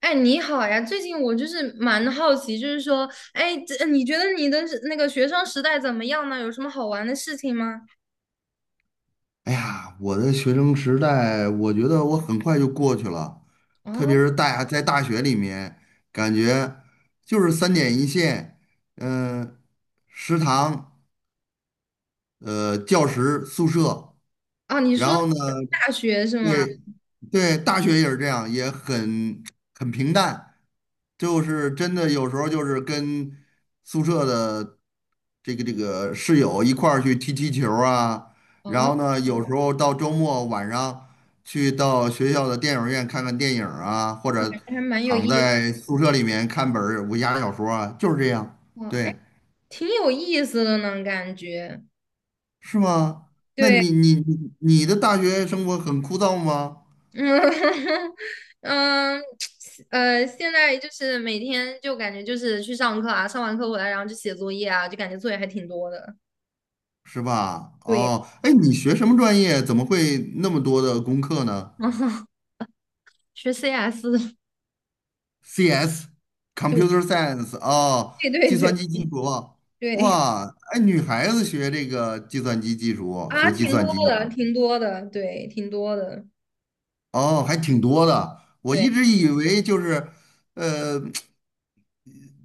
哎，你好呀！最近我就是蛮好奇，就是说，哎，这你觉得你的是那个学生时代怎么样呢？有什么好玩的事情吗？哎呀，我的学生时代，我觉得我很快就过去了，特别哦，是大学里面，感觉就是三点一线，嗯、食堂。教室、宿舍，啊，你说然后呢，大学是吗？对对，大学也是这样，也很平淡，就是真的有时候就是跟宿舍的这个室友一块儿去踢踢球儿啊，然哦，后呢，有时候到周末晚上去到学校的电影院看看电影儿啊，或那者感觉还蛮有躺意思在宿舍里面看本儿武侠小说啊，就是这样，哦，哎，对。挺有意思的呢，感觉。是吗？那对，你的大学生活很枯燥吗？嗯 嗯，现在就是每天就感觉就是去上课啊，上完课回来，然后就写作业啊，就感觉作业还挺多的。是吧？对，哦，哎，你学什么专业？怎么会那么多的功课呢 学 CS 的，对？CS，Computer Science，哦，对对计对。算机技术，对哇，哎，女孩子学这个计算机技术，啊，学计挺多算机的，啊，挺多的，对，挺多的，哦，还挺多的。我一对，直以为就是，呃。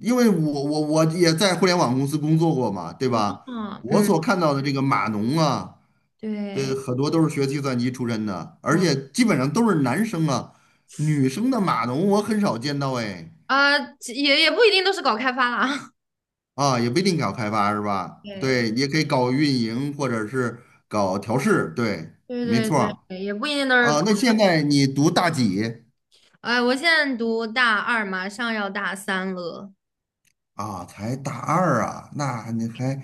因为我也在互联网公司工作过嘛，对吧？啊，我嗯，所看到的这个码农啊，这对，很多都是学计算机出身的，而嗯，且基本嗯上都是男生啊，女生的码农我很少见到哎。啊，也不一定都是搞开发啦。啊，也不一定搞开发是吧？对，对，也可以搞运营或者是搞调试，对，对没对错对，儿对也不一定都是啊，搞。那现在你读大几哎，我现在读大二，马上要大三了。啊？才大二啊，那你还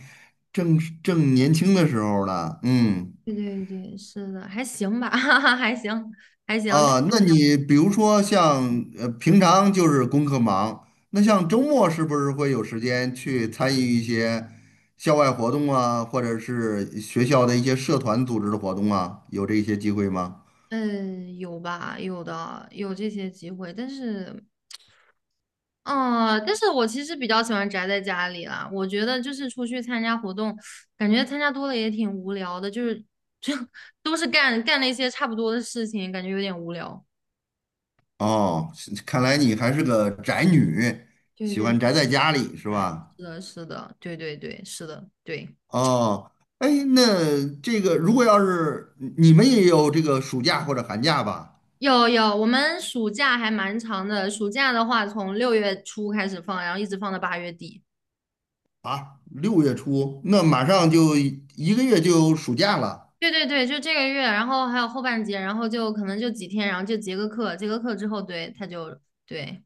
正年轻的时候呢，嗯。对对对，是的，还行吧，哈哈，还行，还行。啊，那你比如说像平常就是功课忙，那像周末是不是会有时间去参与一些校外活动啊，或者是学校的一些社团组织的活动啊？有这些机会吗？有吧，有的，有这些机会，但是。哦，但是我其实比较喜欢宅在家里啦。我觉得就是出去参加活动，感觉参加多了也挺无聊的，就是就 都是干干那些差不多的事情，感觉有点无聊。哦，是看来你还是个宅女，对喜对，欢宅在家里是哎，吧？是的，是的，对对对，是的，对。哦，哎，那这个如果要是你们也有这个暑假或者寒假吧？有有，我们暑假还蛮长的，暑假的话从六月初开始放，然后一直放到八月底。啊，六月初，那马上就一个月就有暑假了。对对对，就这个月，然后还有后半节，然后就可能就几天，然后就结个课，结个课之后，对，他就对。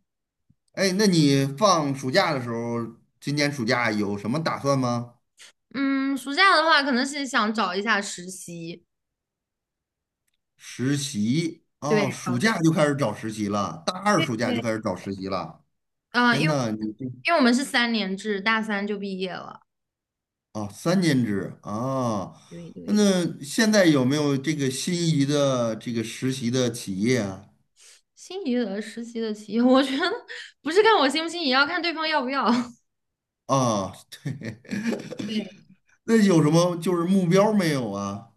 哎，那你放暑假的时候，今年暑假有什么打算吗？嗯，暑假的话，可能是想找一下实习。实习哦，对，暑假就开始找实习了，大二对暑假就对，开始找实习了。嗯、天因为呐，你这因为我们是三年制，大三就毕业了。哦，三年制啊，对对，那现在有没有这个心仪的这个实习的企业啊？心仪的实习的企业，我觉得不是看我心不心仪，要看对方要不要。啊，对，对，那有什么就是目标没有啊？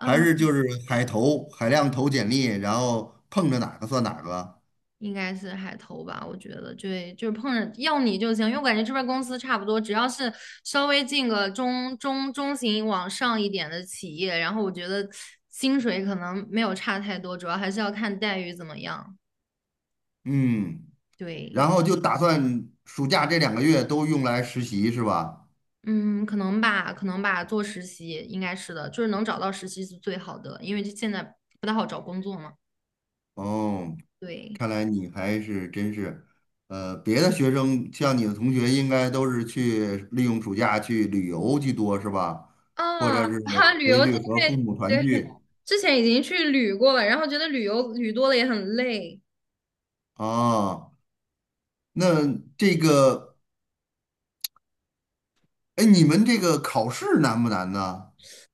还是就是海投，海量投简历，然后碰着哪个算哪个？应该是海投吧，我觉得，对，就是碰着要你就行，因为我感觉这边公司差不多，只要是稍微进个中型往上一点的企业，然后我觉得薪水可能没有差太多，主要还是要看待遇怎么样。嗯。对，然后就打算暑假这两个月都用来实习是吧？嗯，可能吧，可能吧，做实习应该是的，就是能找到实习是最好的，因为就现在不太好找工作嘛。哦，对，看来你还是真是，别的学生像你的同学应该都是去利用暑假去旅游居多是吧？或啊，者是 哈，旅回游这去和父边母团对，聚之前已经去旅过了，然后觉得旅游旅多了也很累。啊？那这个，哎，你们这个考试难不难呢？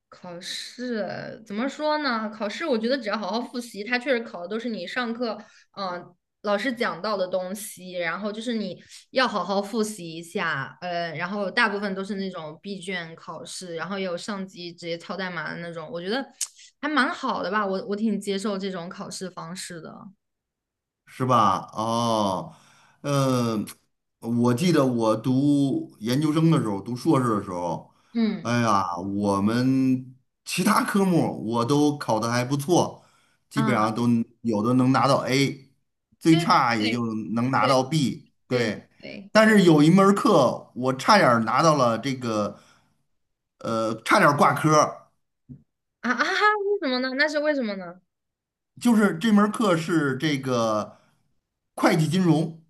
考试怎么说呢？考试我觉得只要好好复习，它确实考的都是你上课，嗯、老师讲到的东西，然后就是你要好好复习一下，然后大部分都是那种闭卷考试，然后也有上机直接抄代码的那种，我觉得还蛮好的吧，我挺接受这种考试方式的，是吧？哦，嗯，我记得我读研究生的时候，读硕士的时候，嗯哎呀，我们其他科目我都考得还不错，基本啊，上都有的能拿到 A，最对差也对就能拿对到 B。对对对，对但对是有一门儿课我差点儿拿到了这个，差点儿挂科儿啊啊哈，为什么呢？那是为什么呢？就是这门儿课是这个会计金融。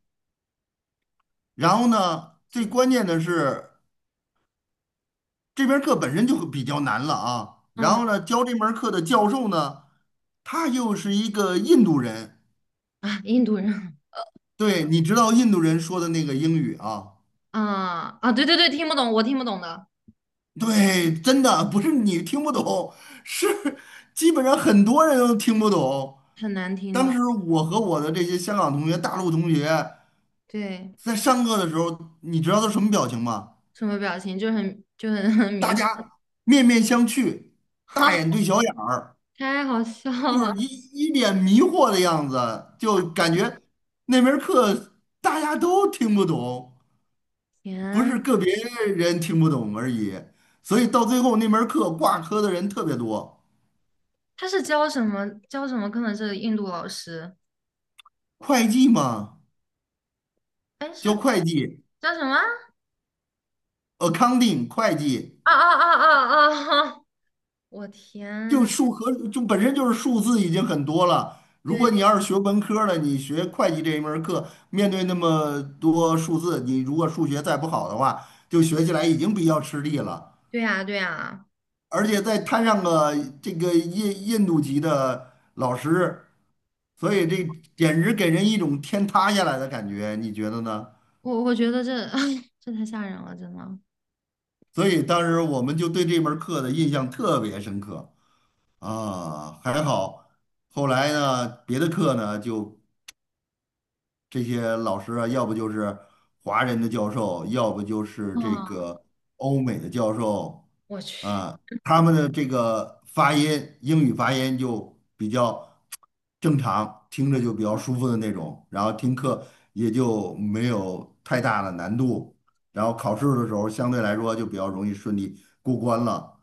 然后呢，最关键的是。这门课本身就比较难了啊。然嗯后呢，教这门课的教授呢，他又是一个印度人，啊，印度人。对，你知道印度人说的那个英语啊，啊啊，对对对，听不懂，我听不懂的，对，真的不是你听不懂，是基本上很多人都听不懂。很难听当懂。时我和我的这些香港同学、大陆同学对，在上课的时候，你知道都什么表情吗？什么表情就很 很迷大糊，家面面相觑，哈，大眼对小眼儿。太好笑就了！是一脸迷惑的样子，就感觉那门课大家都听不懂，不天，是个别人听不懂而已。所以到最后那门课挂科的人特别多。他是教什么课呢？是印度老师？会计嘛，哎，教是会计叫什么？，accounting 会计，啊啊啊啊啊！哈我就天，数和就本身就是数字已经很多了。如果你对要是学文科的，你学会计这一门儿课，面对那么多数字，你如果数学再不好的话，就学起来已经比较吃力了。对呀对呀，而且再摊上个这个印度籍的老师，所以这简直给人一种天塌下来的感觉，你觉得呢？我觉得这 这太吓人了，真的。所以当时我们就对这门课的印象特别深刻啊，还好后来呢，别的课呢就这些老师啊，要不就是华人的教授，要不就是这啊，个欧美的教授，我去。啊，他们的这个发音，英语发音就比较正常，听着就比较舒服的那种，然后听课也就没有太大的难度，然后考试的时候相对来说就比较容易顺利过关了。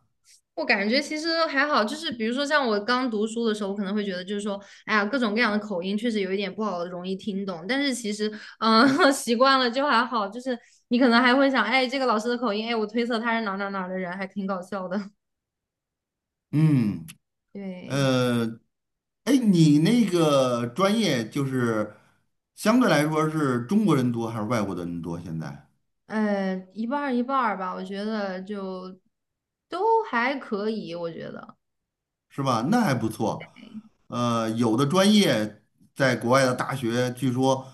我感觉其实还好，就是比如说像我刚读书的时候，我可能会觉得就是说，哎呀，各种各样的口音确实有一点不好，容易听懂。但是其实，嗯，习惯了就还好。就是你可能还会想，哎，这个老师的口音，哎，我推测他是哪儿哪儿哪儿的人，还挺搞笑的。嗯。对，呃，哎，你那个专业就是相对来说是中国人多还是外国的人多？现在一半儿一半儿吧，我觉得就都还可以，我觉得是吧？那还不错。呃，有的专业在国外的大学，据说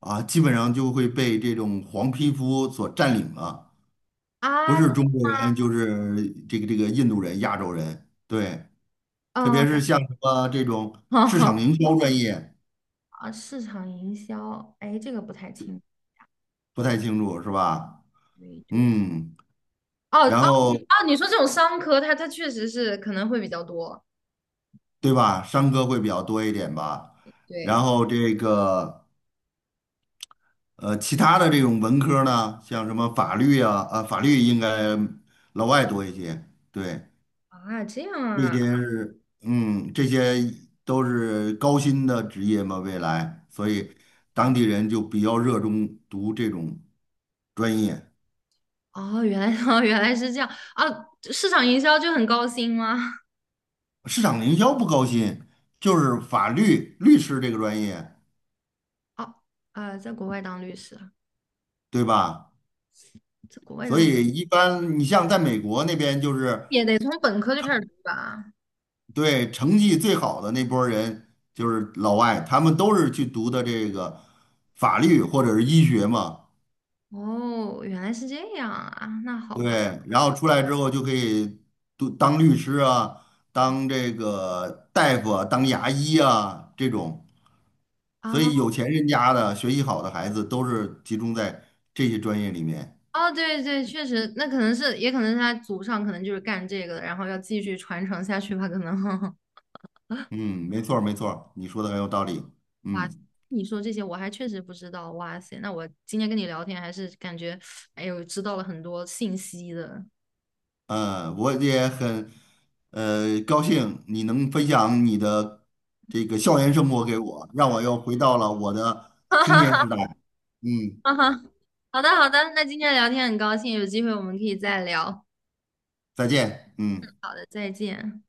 啊，基本上就会被这种黄皮肤所占领了，不啊，是中国人就是这个这个印度人、亚洲人。对，特嗯，别是像什么这种市场营 销专业，啊，市场营销，哎，这个不太清，不太清楚是吧？对对。嗯，哦哦然后。哦，你说这种商科，他确实是可能会比较多。对吧？商科会比较多一点吧。然对后这个其他的这种文科呢，像什么法律啊，啊，法律应该老外多一些。对，啊，这样这啊，些是嗯，这些都是高薪的职业嘛，未来，所以当地人就比较热衷读这种专业。哦，原来 哦原来是这样啊，市场营销就很高薪吗？市场营销不高薪，就是法律律师这个专业，哦啊，在国外当律师啊，对吧？在国外所当以一般你像在美国那边就是。也得从本科就开始读吧？对，成绩最好的那波人就是老外，他们都是去读的这个法律或者是医学嘛，哦，原来是这样啊，那好吧。对，然后出来之后就可以读当律师啊，当这个大夫啊，当牙医啊这种，所以啊有钱人家的学习好的孩子都是集中在这些专业里面。哦，对对，确实，那可能是，也可能是他祖上可能就是干这个的，然后要继续传承下去吧，可能。嗯，没错儿没错儿你说的很有道理。嗯。你说这些我还确实不知道，哇塞！那我今天跟你聊天还是感觉，哎呦，知道了很多信息的。嗯，我也很高兴你能分享你的这个校园生活给我，让我又回到了我的 哈青年哈时代。嗯，哈哈哈！好的好的，那今天聊天很高兴，有机会我们可以再聊。好再见。嗯。的再见。